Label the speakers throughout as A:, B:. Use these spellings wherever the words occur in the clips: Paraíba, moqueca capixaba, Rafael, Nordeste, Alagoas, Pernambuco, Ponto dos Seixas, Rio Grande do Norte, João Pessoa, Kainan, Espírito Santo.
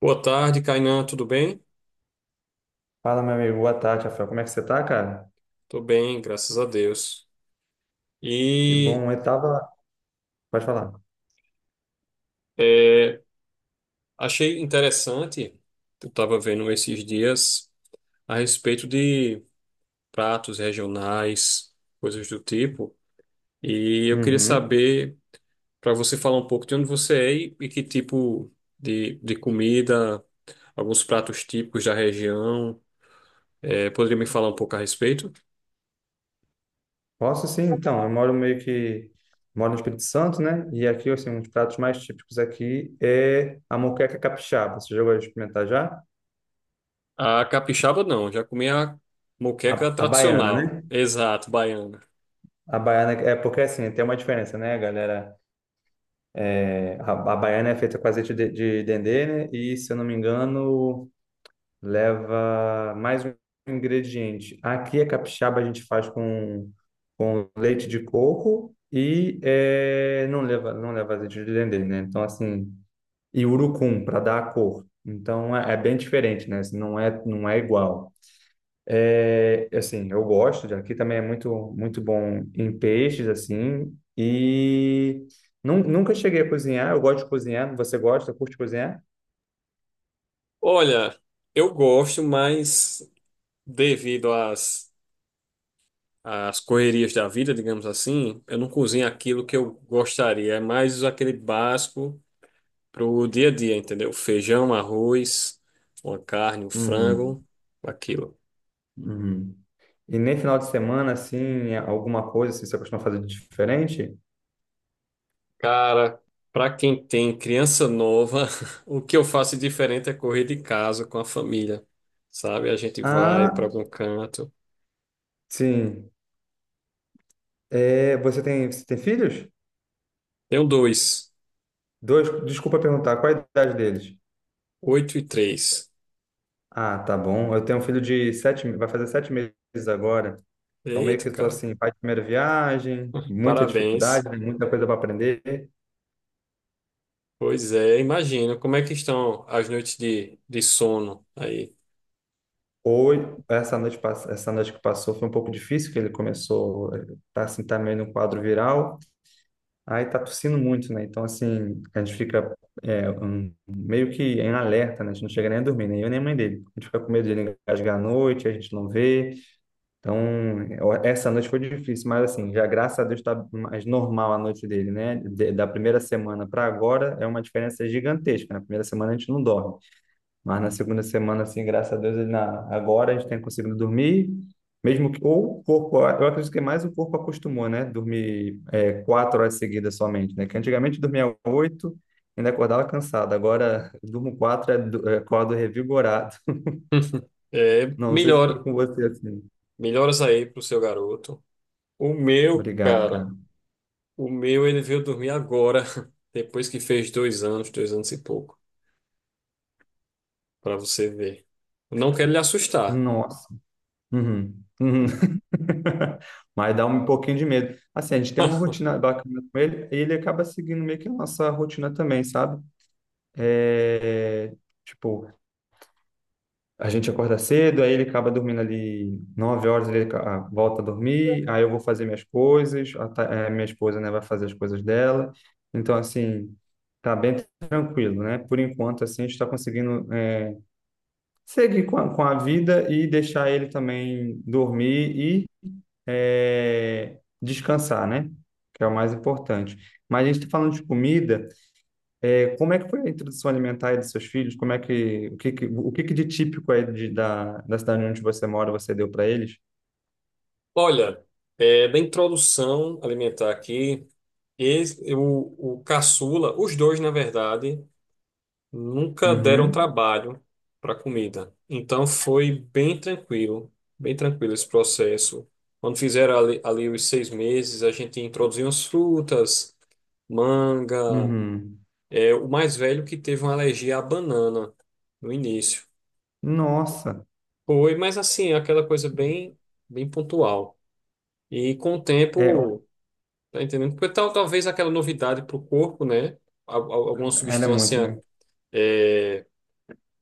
A: Boa tarde, Kainan, tudo bem?
B: Fala, meu amigo. Boa tarde, Rafael. Como é que você tá, cara?
A: Tô bem, graças a Deus.
B: Que
A: E
B: bom. Pode falar.
A: é, achei interessante, eu estava vendo esses dias a respeito de pratos regionais, coisas do tipo, e eu queria
B: Uhum.
A: saber, para você falar um pouco de onde você é e que tipo de comida, alguns pratos típicos da região, poderia me falar um pouco a respeito?
B: Posso sim, então. Eu moro meio que... Moro no Espírito Santo, né? E aqui, assim, um dos pratos mais típicos aqui é a moqueca capixaba. Você já vai experimentar já?
A: A capixaba não, já comi a
B: A,
A: moqueca
B: a baiana, né?
A: tradicional, exato, baiana.
B: A baiana. É porque, assim, tem uma diferença, né, galera? É, a baiana é feita com azeite de dendê, né? E, se eu não me engano, leva mais um ingrediente. Aqui a capixaba a gente faz com leite de coco e não leva azeite de dendê, né? Então assim, e urucum para dar a cor. Então é bem diferente, né? Assim, não é igual. É, assim, eu gosto de aqui também é muito muito bom em peixes assim e nunca cheguei a cozinhar, eu gosto de cozinhar. Você gosta, curte cozinhar?
A: Olha, eu gosto, mas devido às correrias da vida, digamos assim, eu não cozinho aquilo que eu gostaria. É mais aquele básico pro dia a dia, entendeu? Feijão, arroz, uma carne, um
B: Uhum,
A: frango, aquilo.
B: uhum. E nem final de semana, assim, é alguma coisa, assim, você costuma fazer de diferente?
A: Cara, para quem tem criança nova, o que eu faço diferente é correr de casa com a família, sabe? A gente vai para
B: Ah,
A: algum canto.
B: sim. É, você tem filhos?
A: Tenho dois,
B: Dois, desculpa perguntar, qual a idade deles?
A: 8 e 3.
B: Ah, tá bom. Eu tenho um filho de sete, vai fazer 7 meses agora. Então, meio
A: Eita,
B: que estou
A: cara,
B: assim, pai de primeira viagem, muita
A: parabéns.
B: dificuldade, né, muita coisa para aprender.
A: Pois é, imagino. Como é que estão as noites de sono aí?
B: Hoje, essa noite que passou foi um pouco difícil, que ele começou, tá assim, tá meio no quadro viral. Aí tá tossindo muito, né? Então, assim, a gente fica meio que em alerta, né? A gente não chega nem a dormir, nem eu nem a mãe dele. A gente fica com medo de ele engasgar à noite, a gente não vê. Então, essa noite foi difícil, mas assim, já graças a Deus tá mais normal a noite dele, né? Da primeira semana para agora é uma diferença gigantesca. Na primeira semana a gente não dorme. Mas na segunda semana, assim, graças a Deus, agora a gente tem conseguido dormir, mesmo que, ou o corpo, eu acredito que mais o corpo acostumou, né? Dormir 4 horas seguidas somente, né? Que antigamente dormia oito, ainda acordava cansado, agora durmo quatro, acordo revigorado.
A: É,
B: Não sei se foi
A: melhora
B: com você assim.
A: melhoras aí pro seu garoto. O meu,
B: Obrigado,
A: cara,
B: cara.
A: o meu, ele veio dormir agora, depois que fez 2 anos, dois anos e pouco, para você ver. Eu não quero lhe assustar.
B: Nossa. Uhum. Uhum. Mas dá um pouquinho de medo. Assim, a gente tem uma rotina bacana com ele, e ele acaba seguindo meio que a nossa rotina também, sabe? É, tipo, a gente acorda cedo, aí ele acaba dormindo ali 9 horas, volta a dormir, aí eu vou fazer minhas coisas, minha esposa, né, vai fazer as coisas dela. Então, assim, tá bem tranquilo, né? Por enquanto, assim, a gente está conseguindo seguir com a vida e deixar ele também dormir e descansar, né? Que é o mais importante. Mas a gente está falando de comida. É, como é que foi a introdução alimentar aí dos seus filhos? Como é que o que de típico aí da cidade onde você mora você deu para eles?
A: Olha, da introdução alimentar aqui, o caçula, os dois, na verdade, nunca deram
B: Uhum,
A: trabalho para comida. Então foi bem tranquilo esse processo. Quando fizeram ali, ali os 6 meses, a gente introduziu as frutas, manga.
B: uhum.
A: É, o mais velho que teve uma alergia à banana no início.
B: Nossa,
A: Foi, mas assim, é aquela coisa bem, bem pontual. E com o
B: é,
A: tempo, tá entendendo? Talvez aquela novidade para o corpo, né? Alguma
B: era muito,
A: substância.
B: né?
A: É,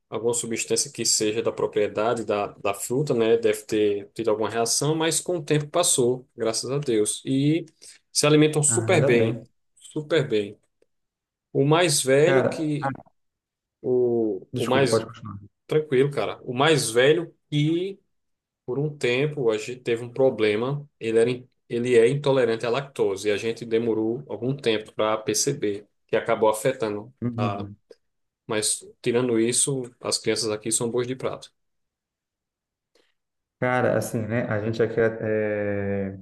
A: alguma substância que seja da propriedade da fruta, né? Deve ter tido alguma reação, mas com o tempo passou, graças a Deus. E se alimentam
B: Ah,
A: super
B: ainda
A: bem,
B: bem.
A: super bem. O mais velho
B: Cara,
A: que
B: ah,
A: o
B: desculpa, pode
A: mais
B: continuar.
A: tranquilo, cara. O mais velho que por um tempo a gente teve um problema, ele é intolerante à lactose e a gente demorou algum tempo para perceber que acabou afetando a.
B: Uhum.
A: Mas tirando isso, as crianças aqui são boas de prato.
B: Cara, assim, né? A gente aqui,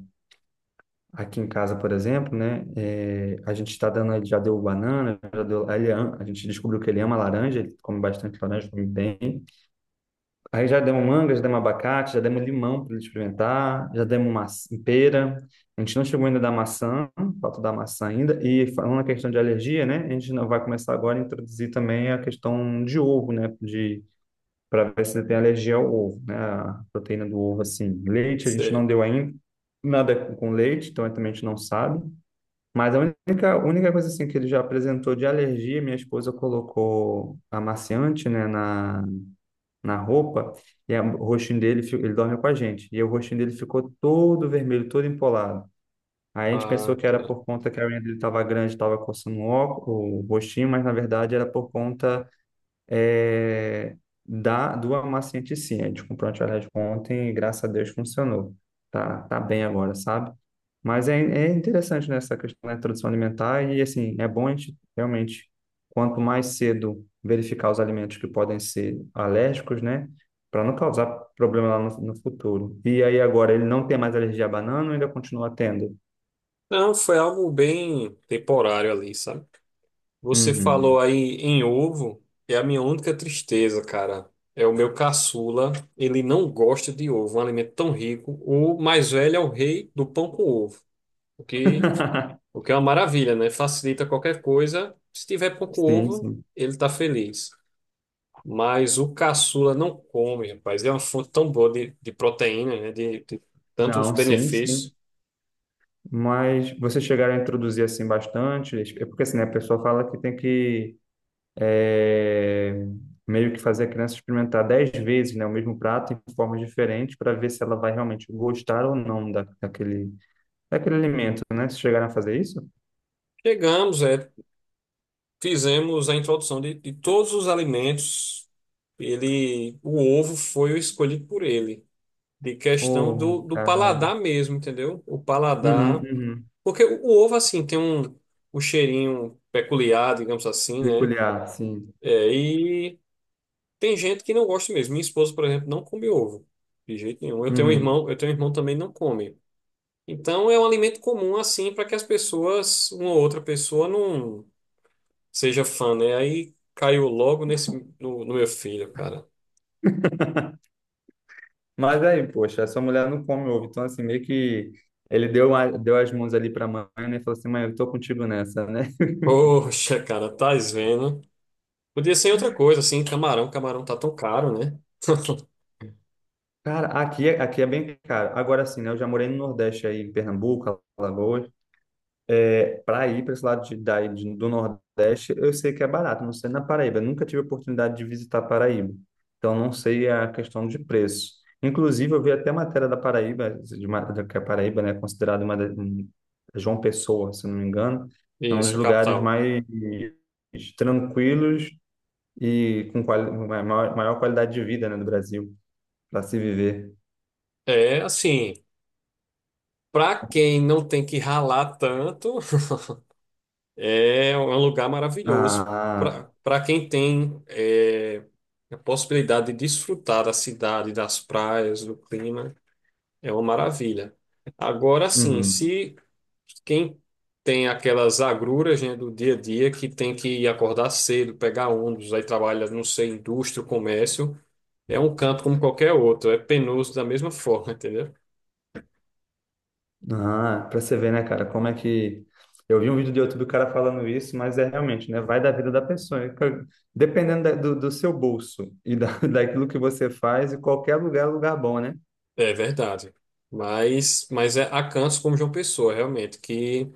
B: aqui em casa, por exemplo, né? A gente está dando, ele já deu banana, a gente descobriu que ele ama laranja, ele come bastante laranja, come bem. Aí já demos manga, já demos abacate, já demos limão para ele experimentar, já demos maçã, pera. A gente não chegou ainda da maçã, falta da maçã ainda. E falando na questão de alergia, né? A gente não vai começar agora a introduzir também a questão de ovo, né? De Para ver se ele tem alergia ao ovo, né? A proteína do ovo, assim. Leite a gente não deu ainda nada com leite, então também a gente não sabe. Mas a única coisa assim que ele já apresentou de alergia, minha esposa colocou amaciante, né, na roupa, e o rostinho dele, ele dorme com a gente, e o rostinho dele ficou todo vermelho, todo empolado. Aí a gente pensou
A: Ah,
B: que era
A: cara.
B: por conta que a unha dele estava grande, estava coçando o óculos, o rostinho, mas na verdade era por conta é, do amaciante em si. A gente comprou antialérgico ontem e graças a Deus funcionou. Tá bem agora, sabe? Mas é interessante nessa questão da introdução alimentar e, assim, é bom a gente realmente, quanto mais cedo verificar os alimentos que podem ser alérgicos, né? Para não causar problema lá no futuro. E aí agora ele não tem mais alergia à banana ou ainda continua tendo?
A: Não, foi algo bem temporário ali, sabe? Você
B: Uhum.
A: falou aí em ovo, é a minha única tristeza, cara. É o meu caçula, ele não gosta de ovo, um alimento tão rico. O mais velho é o rei do pão com ovo, o que, o que é uma maravilha, né? Facilita qualquer coisa. Se tiver pão com
B: Sim,
A: ovo,
B: sim.
A: ele tá feliz. Mas o caçula não come, rapaz. É uma fonte tão boa de proteína, né? De tantos
B: Não, sim, sim.
A: benefícios.
B: Mas vocês chegaram a introduzir assim bastante? É porque assim, né, a pessoa fala que tem que é, meio que fazer a criança experimentar 10 vezes, né, o mesmo prato em formas diferentes para ver se ela vai realmente gostar ou não daquele alimento, né? Vocês chegaram a fazer isso?
A: Chegamos, é. Fizemos a introdução de todos os alimentos. Ele, o ovo foi o escolhido por ele, de questão do,
B: Oh,
A: do
B: caramba.
A: paladar mesmo, entendeu? O
B: Uhum,
A: paladar,
B: uhum.
A: porque o ovo assim tem um, um cheirinho peculiar, digamos assim, né?
B: Peculiar, sim.
A: É, e tem gente que não gosta mesmo. Minha esposa, por exemplo, não come ovo de jeito nenhum.
B: Uhum.
A: Eu tenho um irmão que também não come. Então é um alimento comum assim para que as pessoas, uma ou outra pessoa não seja fã, né? Aí caiu logo nesse no meu filho, cara.
B: Mas aí, poxa, essa mulher não come ovo, então assim, meio que ele deu, deu as mãos ali para a mãe, né, e falou assim, mãe, eu tô contigo nessa, né?
A: Poxa, cara, tá vendo? Podia ser outra coisa, assim, camarão. Camarão tá tão caro, né?
B: Cara, aqui, aqui é bem caro. Agora sim, né? Eu já morei no Nordeste aí, em Pernambuco, Alagoas. É, para ir para esse lado daí, do Nordeste, eu sei que é barato. Não sei na Paraíba. Eu nunca tive a oportunidade de visitar Paraíba. Então, não sei a questão de preço. Inclusive, eu vi até matéria da Paraíba, que a Paraíba, né, é considerada João Pessoa, se eu não me engano, é um dos
A: Isso, a
B: lugares
A: capital.
B: mais tranquilos e com maior qualidade de vida, né, do Brasil, para se viver.
A: É, assim, pra quem não tem que ralar tanto, é um lugar maravilhoso.
B: Ah,
A: Pra quem tem é, a possibilidade de desfrutar da cidade, das praias, do clima. É uma maravilha. Agora sim,
B: uhum.
A: se quem tem aquelas agruras, né, do dia a dia, que tem que acordar cedo, pegar ônibus, aí trabalha, não sei, indústria, comércio, é um canto como qualquer outro, é penoso da mesma forma, entendeu?
B: Ah, pra você ver, né, cara, como é que. Eu vi um vídeo do YouTube do cara falando isso, mas é realmente, né? Vai da vida da pessoa. E, cara, dependendo do seu bolso e daquilo que você faz, e qualquer lugar é lugar bom, né?
A: É verdade. Mas é, há cantos como João Pessoa, realmente, que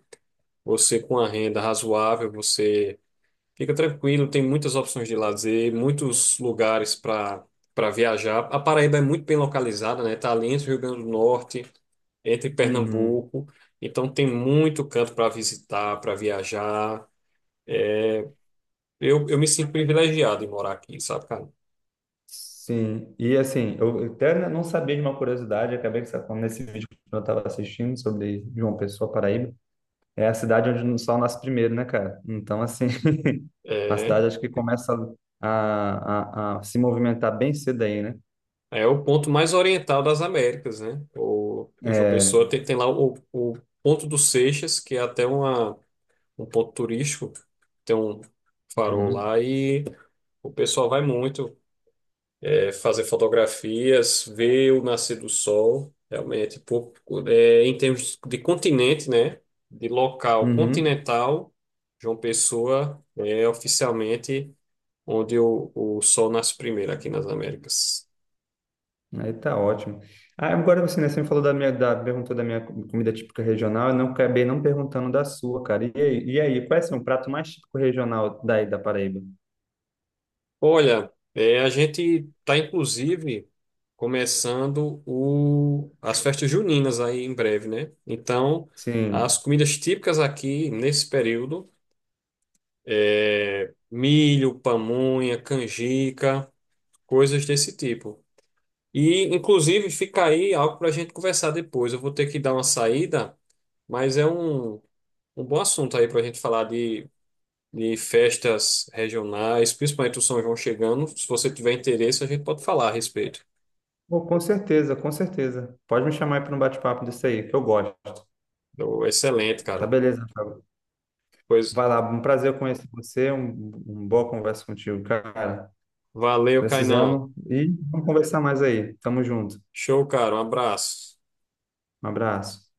A: você com a renda razoável, você. Fica tranquilo, tem muitas opções de lazer, muitos lugares para viajar. A Paraíba é muito bem localizada, né? Tá ali entre o Rio Grande do Norte, entre
B: Uhum.
A: Pernambuco, então tem muito canto para visitar, para viajar. Eu me sinto privilegiado em morar aqui, sabe, cara?
B: Sim. E assim, eu até não sabia de uma curiosidade, acabei sacando nesse vídeo que eu estava assistindo sobre João Pessoa, Paraíba. É a cidade onde o sol nasce primeiro, né, cara? Então, assim, a
A: É,
B: cidade acho que começa a se movimentar bem cedo aí, né?
A: é o ponto mais oriental das Américas, né? O, em João
B: É.
A: Pessoa tem lá o Ponto dos Seixas, que é até uma, um ponto turístico, tem um farol
B: Uhum.
A: lá e o pessoal vai muito. É, fazer fotografias, ver o nascer do sol, realmente, pô, é, em termos de continente, né? De local
B: Uhum.
A: continental, João Pessoa é oficialmente onde o sol nasce primeiro aqui nas Américas.
B: Aí tá ótimo. Ah, agora você, né, você me falou da minha, da, perguntou da minha comida típica regional, eu não acabei não perguntando da sua, cara. E aí, qual é assim, o prato mais típico regional daí da Paraíba?
A: Olha, é, a gente está inclusive começando o, as festas juninas aí em breve, né? Então, as
B: Sim.
A: comidas típicas aqui nesse período. É, milho, pamonha, canjica, coisas desse tipo. E, inclusive, fica aí algo para a gente conversar depois. Eu vou ter que dar uma saída, mas é um, um bom assunto aí para a gente falar de festas regionais, principalmente o São João chegando. Se você tiver interesse, a gente pode falar a respeito.
B: Pô, com certeza, com certeza. Pode me chamar aí para um bate-papo disso aí, que eu gosto.
A: Então, excelente,
B: Tá
A: cara.
B: beleza, Rafael.
A: Pois,
B: Vai lá, um prazer conhecer você, um boa conversa contigo, cara.
A: valeu, Kainan.
B: Precisamos e vamos conversar mais aí. Tamo junto.
A: Show, cara. Um abraço.
B: Um abraço.